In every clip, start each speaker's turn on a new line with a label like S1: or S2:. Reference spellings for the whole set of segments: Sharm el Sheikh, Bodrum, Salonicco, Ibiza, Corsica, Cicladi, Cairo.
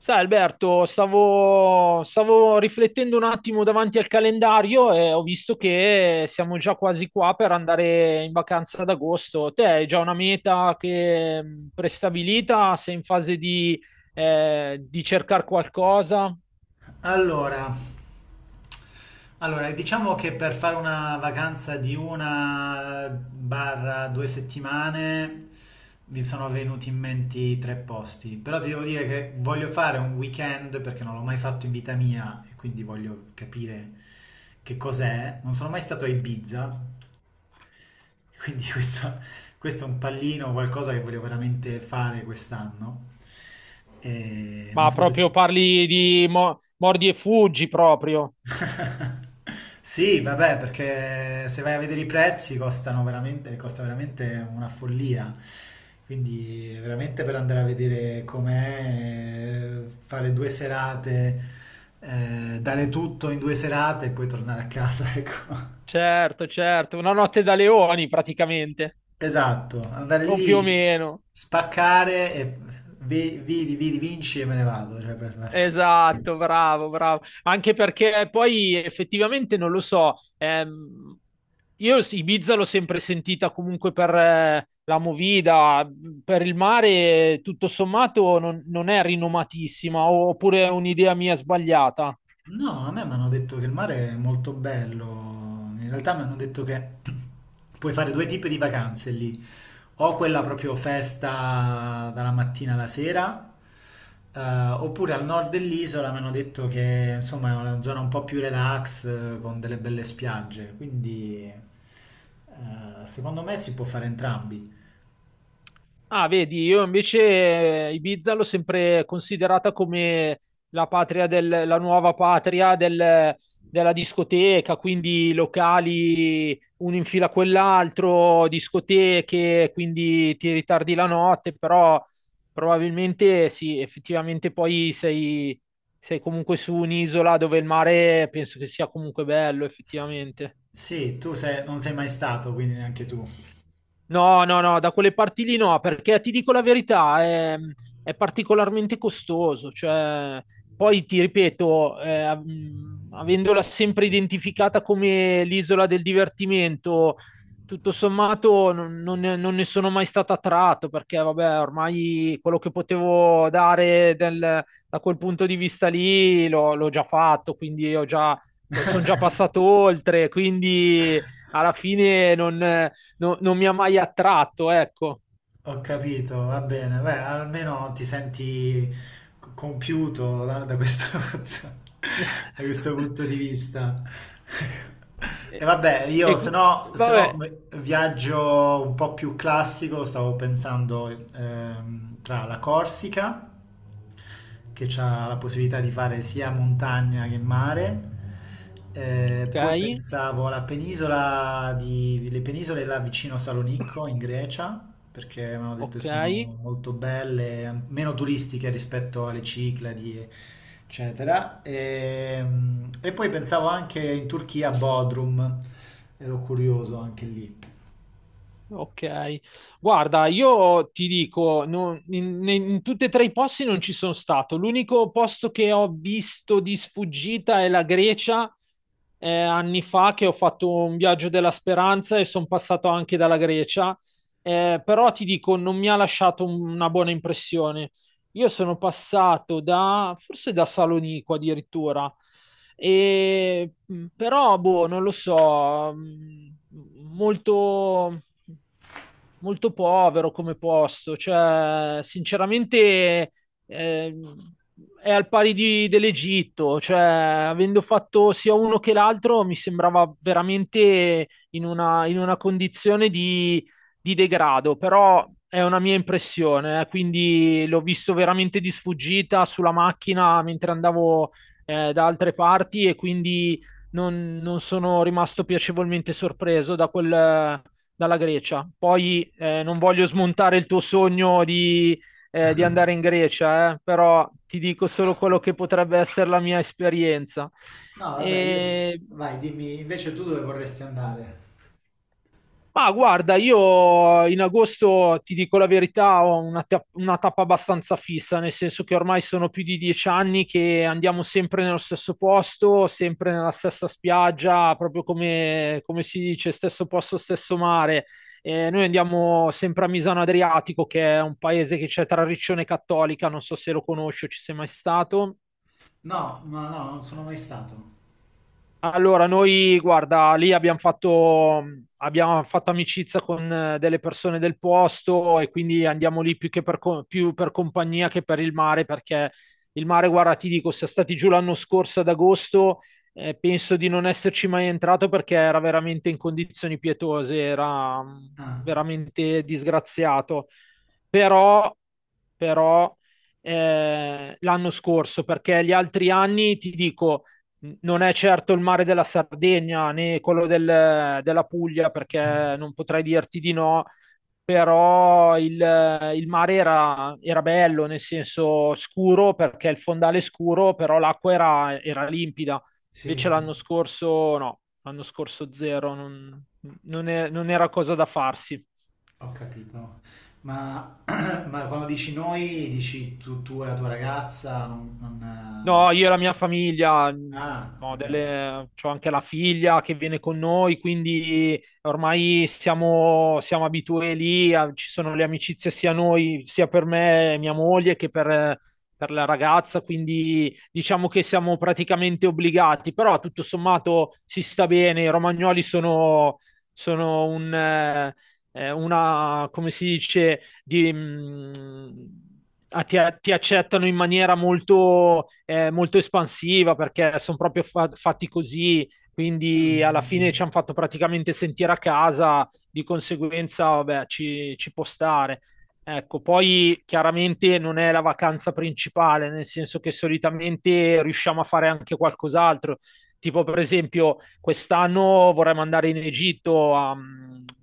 S1: Sai Alberto, stavo riflettendo un attimo davanti al calendario e ho visto che siamo già quasi qua per andare in vacanza ad agosto. Te hai già una meta che prestabilita? Sei in fase di cercare qualcosa?
S2: Allora, allora, diciamo che per fare una vacanza di 1/2 settimane mi sono venuti in mente tre posti, però ti devo dire che voglio fare un weekend perché non l'ho mai fatto in vita mia e quindi voglio capire che cos'è. Non sono mai stato a Ibiza, quindi questo è un pallino, qualcosa che voglio veramente fare quest'anno. E non
S1: Ma
S2: so se.
S1: proprio parli di mordi e fuggi proprio.
S2: Sì, vabbè, perché se vai a vedere i prezzi costano veramente, costa veramente una follia. Quindi veramente per andare a vedere com'è, fare due serate, dare tutto in due serate e poi tornare a casa, ecco.
S1: Certo, certo, una notte da leoni praticamente,
S2: Esatto, andare
S1: o più o
S2: lì,
S1: meno.
S2: spaccare e vidi, vinci e me ne vado. Cioè, basta.
S1: Esatto, bravo, bravo. Anche perché poi effettivamente non lo so, io sì, Ibiza l'ho sempre sentita comunque per la movida, per il mare tutto sommato non è rinomatissima, oppure è un'idea mia sbagliata.
S2: No, a me mi hanno detto che il mare è molto bello. In realtà mi hanno detto che puoi fare due tipi di vacanze lì. O quella proprio festa dalla mattina alla sera, oppure al nord dell'isola mi hanno detto che insomma è una zona un po' più relax, con delle belle spiagge. Quindi secondo me si può fare entrambi.
S1: Ah, vedi, io invece Ibiza l'ho sempre considerata come la patria del, la nuova patria della discoteca, quindi locali uno in fila a quell'altro, discoteche, quindi ti ritardi la notte, però probabilmente sì, effettivamente poi sei comunque su un'isola dove il mare penso che sia comunque bello, effettivamente.
S2: Sì, tu sei- non sei mai stato, quindi neanche tu.
S1: No, no, no, da quelle parti lì no, perché ti dico la verità, è particolarmente costoso. Cioè, poi ti ripeto, avendola sempre identificata come l'isola del divertimento, tutto sommato non ne non ne sono mai stato attratto, perché vabbè, ormai quello che potevo dare da quel punto di vista lì l'ho già fatto, quindi ho già, sono già passato oltre, quindi alla fine non mi ha mai attratto, ecco.
S2: Ho capito, va bene. Beh, almeno ti senti compiuto da questo, da questo punto di vista. E
S1: E-
S2: vabbè, io
S1: e
S2: se
S1: cu-
S2: no, se
S1: vabbè,
S2: no come viaggio un po' più classico, stavo pensando tra la Corsica che c'ha la possibilità di fare sia montagna che mare. Poi
S1: ok,
S2: pensavo le penisole là vicino a Salonicco in Grecia, perché mi hanno detto che
S1: ok,
S2: sono molto belle, meno turistiche rispetto alle Cicladi, eccetera. E, poi pensavo anche in Turchia a Bodrum, ero curioso anche lì.
S1: ok. Guarda, io ti dico, in tutti e tre i posti non ci sono stato. L'unico posto che ho visto di sfuggita è la Grecia. Anni fa che ho fatto un viaggio della speranza e sono passato anche dalla Grecia. Però ti dico, non mi ha lasciato una buona impressione. Io sono passato da, forse da Salonico addirittura, però, boh, non lo so, molto, molto povero come posto, cioè, sinceramente, eh, è al pari dell'Egitto, cioè, avendo fatto sia uno che l'altro, mi sembrava veramente in una condizione di degrado, però è una mia impressione, quindi l'ho visto veramente di sfuggita sulla macchina mentre andavo da altre parti e quindi non sono rimasto piacevolmente sorpreso da dalla Grecia. Poi non voglio smontare il tuo sogno di andare in Grecia, però ti dico solo quello che potrebbe essere la mia esperienza.
S2: No, vabbè, io.
S1: E
S2: Vai, dimmi, invece tu dove vorresti andare?
S1: Ma guarda, io in agosto ti dico la verità, ho una, una tappa abbastanza fissa, nel senso che ormai sono più di 10 anni che andiamo sempre nello stesso posto, sempre nella stessa spiaggia, proprio come, come si dice, stesso posto, stesso mare. Noi andiamo sempre a Misano Adriatico, che è un paese che c'è tra Riccione e Cattolica, non so se lo conosci o ci sei mai stato.
S2: No, no, no, non sono mai stato.
S1: Allora, noi, guarda, lì abbiamo fatto amicizia con delle persone del posto e quindi andiamo lì più che per, più per compagnia che per il mare, perché il mare, guarda, ti dico, siamo stati giù l'anno scorso ad agosto, penso di non esserci mai entrato perché era veramente in condizioni pietose, era
S2: Ah,
S1: veramente disgraziato. Però, però, l'anno scorso, perché gli altri anni, ti dico non è certo il mare della Sardegna né quello della Puglia,
S2: ah,
S1: perché non potrei dirti di no, però il mare era bello, nel senso scuro, perché il fondale è scuro, però l'acqua era limpida.
S2: sì,
S1: Invece
S2: sì,
S1: l'anno scorso no, l'anno scorso zero, non era cosa da farsi.
S2: ho capito. Ma, ma quando dici noi, dici tu e la tua ragazza, non,
S1: No, io e
S2: eh,
S1: la mia famiglia,
S2: Ah,
S1: no,
S2: ok.
S1: c'ho anche la figlia che viene con noi, quindi ormai siamo abituati lì, ci sono le amicizie sia noi, sia per me e mia moglie che per la ragazza, quindi diciamo che siamo praticamente obbligati, però tutto sommato si sta bene, i romagnoli sono un, una, come si dice di, a- ti accettano in maniera molto, molto espansiva perché sono proprio fatti così,
S2: Mm,
S1: quindi alla
S2: mm, mm.
S1: fine ci hanno fatto praticamente sentire a casa, di conseguenza, vabbè, ci può stare. Ecco, poi chiaramente non è la vacanza principale, nel senso che solitamente riusciamo a fare anche qualcos'altro. Tipo, per esempio, quest'anno vorremmo andare in Egitto a,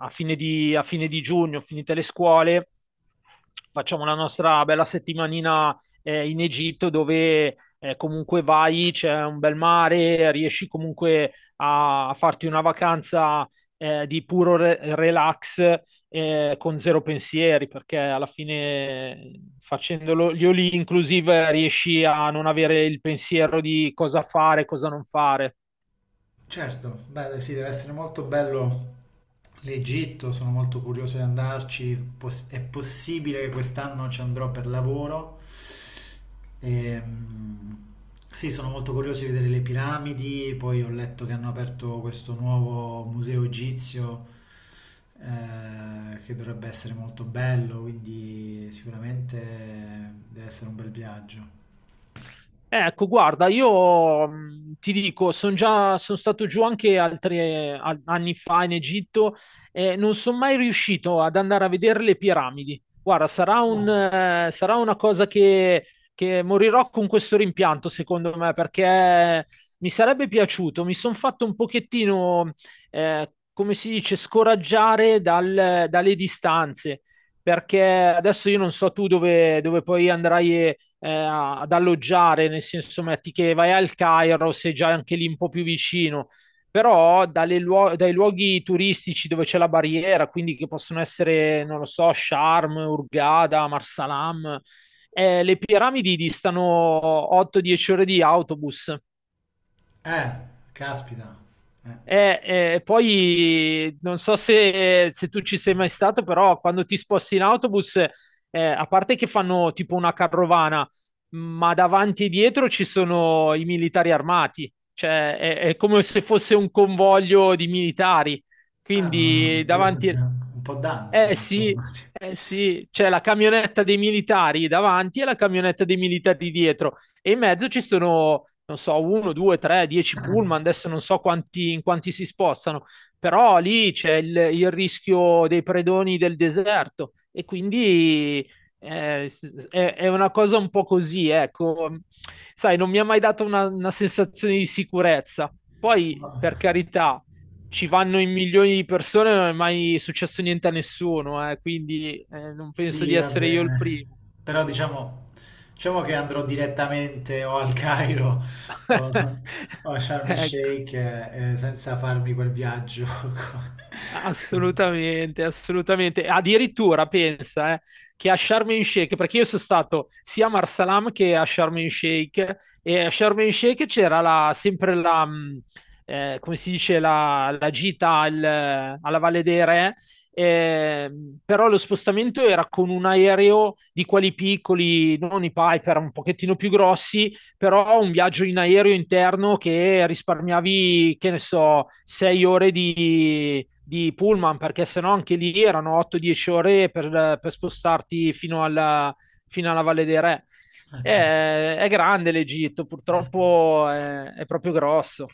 S1: a fine di giugno, finite le scuole, facciamo la nostra bella settimanina in Egitto dove comunque vai, c'è un bel mare, riesci comunque a, a farti una vacanza di puro relax con zero pensieri, perché alla fine facendolo gli Oli inclusive riesci a non avere il pensiero di cosa fare, cosa non fare.
S2: Certo, beh, sì, deve essere molto bello l'Egitto, sono molto curioso di andarci. Poss- è possibile che quest'anno ci andrò per lavoro. Ehm, sì, sono molto curioso di vedere le piramidi, poi ho letto che hanno aperto questo nuovo museo egizio che dovrebbe essere molto bello, quindi sicuramente deve essere un bel viaggio.
S1: Ecco, guarda, io ti dico, sono già, sono stato giù anche altri anni fa in Egitto e non sono mai riuscito ad andare a vedere le piramidi. Guarda, sarà un,
S2: No.
S1: sarà una cosa che morirò con questo rimpianto, secondo me, perché mi sarebbe piaciuto. Mi sono fatto un pochettino, come si dice, scoraggiare dalle distanze perché adesso io non so tu dove, dove poi andrai ad alloggiare, nel senso metti che vai al Cairo, sei già anche lì un po' più vicino, però dalle dai luoghi turistici dove c'è la barriera, quindi che possono essere, non lo so, Sharm, Hurghada, Marsalam, le piramidi distano 8-10 ore di autobus.
S2: Eh, caspita. Eh.
S1: Eh, poi non so se, se tu ci sei mai stato, però quando ti sposti in autobus, a parte che fanno tipo una carovana, ma davanti e dietro ci sono i militari armati, cioè è come se fosse un convoglio di militari.
S2: Ah, no, no, no,
S1: Quindi
S2: Dio,
S1: davanti,
S2: sempre un po' d'ansia,
S1: eh sì,
S2: insomma.
S1: eh sì, c'è la camionetta dei militari davanti e la camionetta dei militari dietro e in mezzo ci sono, non so, uno, due, tre, dieci pullman, adesso non so quanti, in quanti si spostano, però lì c'è il rischio dei predoni del deserto e quindi è una cosa un po' così, ecco, sai, non mi ha mai dato una sensazione di sicurezza. Poi,
S2: No.
S1: per carità, ci vanno in milioni di persone, non è mai successo niente a nessuno, quindi non penso
S2: Sì,
S1: di
S2: va
S1: essere io il
S2: bene.
S1: primo.
S2: Però diciamo che andrò direttamente o al Cairo o, o a Sharm el
S1: Ecco.
S2: Sheikh senza farmi quel viaggio.
S1: Assolutamente, assolutamente. Addirittura pensa che a Sharm el Sheikh, perché io sono stato sia a Marsalam che a Sharm el Sheikh, e a Sharm el Sheikh c'era come si dice, la gita alla Valle dei Re, eh, però lo spostamento era con un aereo di quelli piccoli, non i Piper, un pochettino più grossi, però un viaggio in aereo interno che risparmiavi, che ne so, 6 ore di pullman, perché sennò anche lì erano 8-10 ore per spostarti fino alla Valle dei Re.
S2: Ah, cavolo.
S1: È grande l'Egitto,
S2: Sì.
S1: purtroppo è proprio grosso.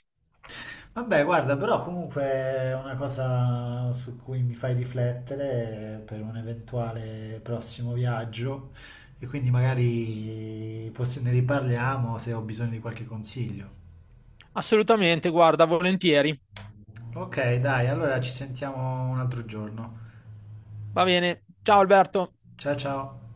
S2: Vabbè, guarda, però comunque è una cosa su cui mi fai riflettere per un eventuale prossimo viaggio e quindi magari ne riparliamo se ho bisogno di qualche consiglio.
S1: Assolutamente, guarda, volentieri.
S2: Ok, dai, allora ci sentiamo un altro giorno.
S1: Va bene. Ciao Alberto.
S2: Ciao ciao.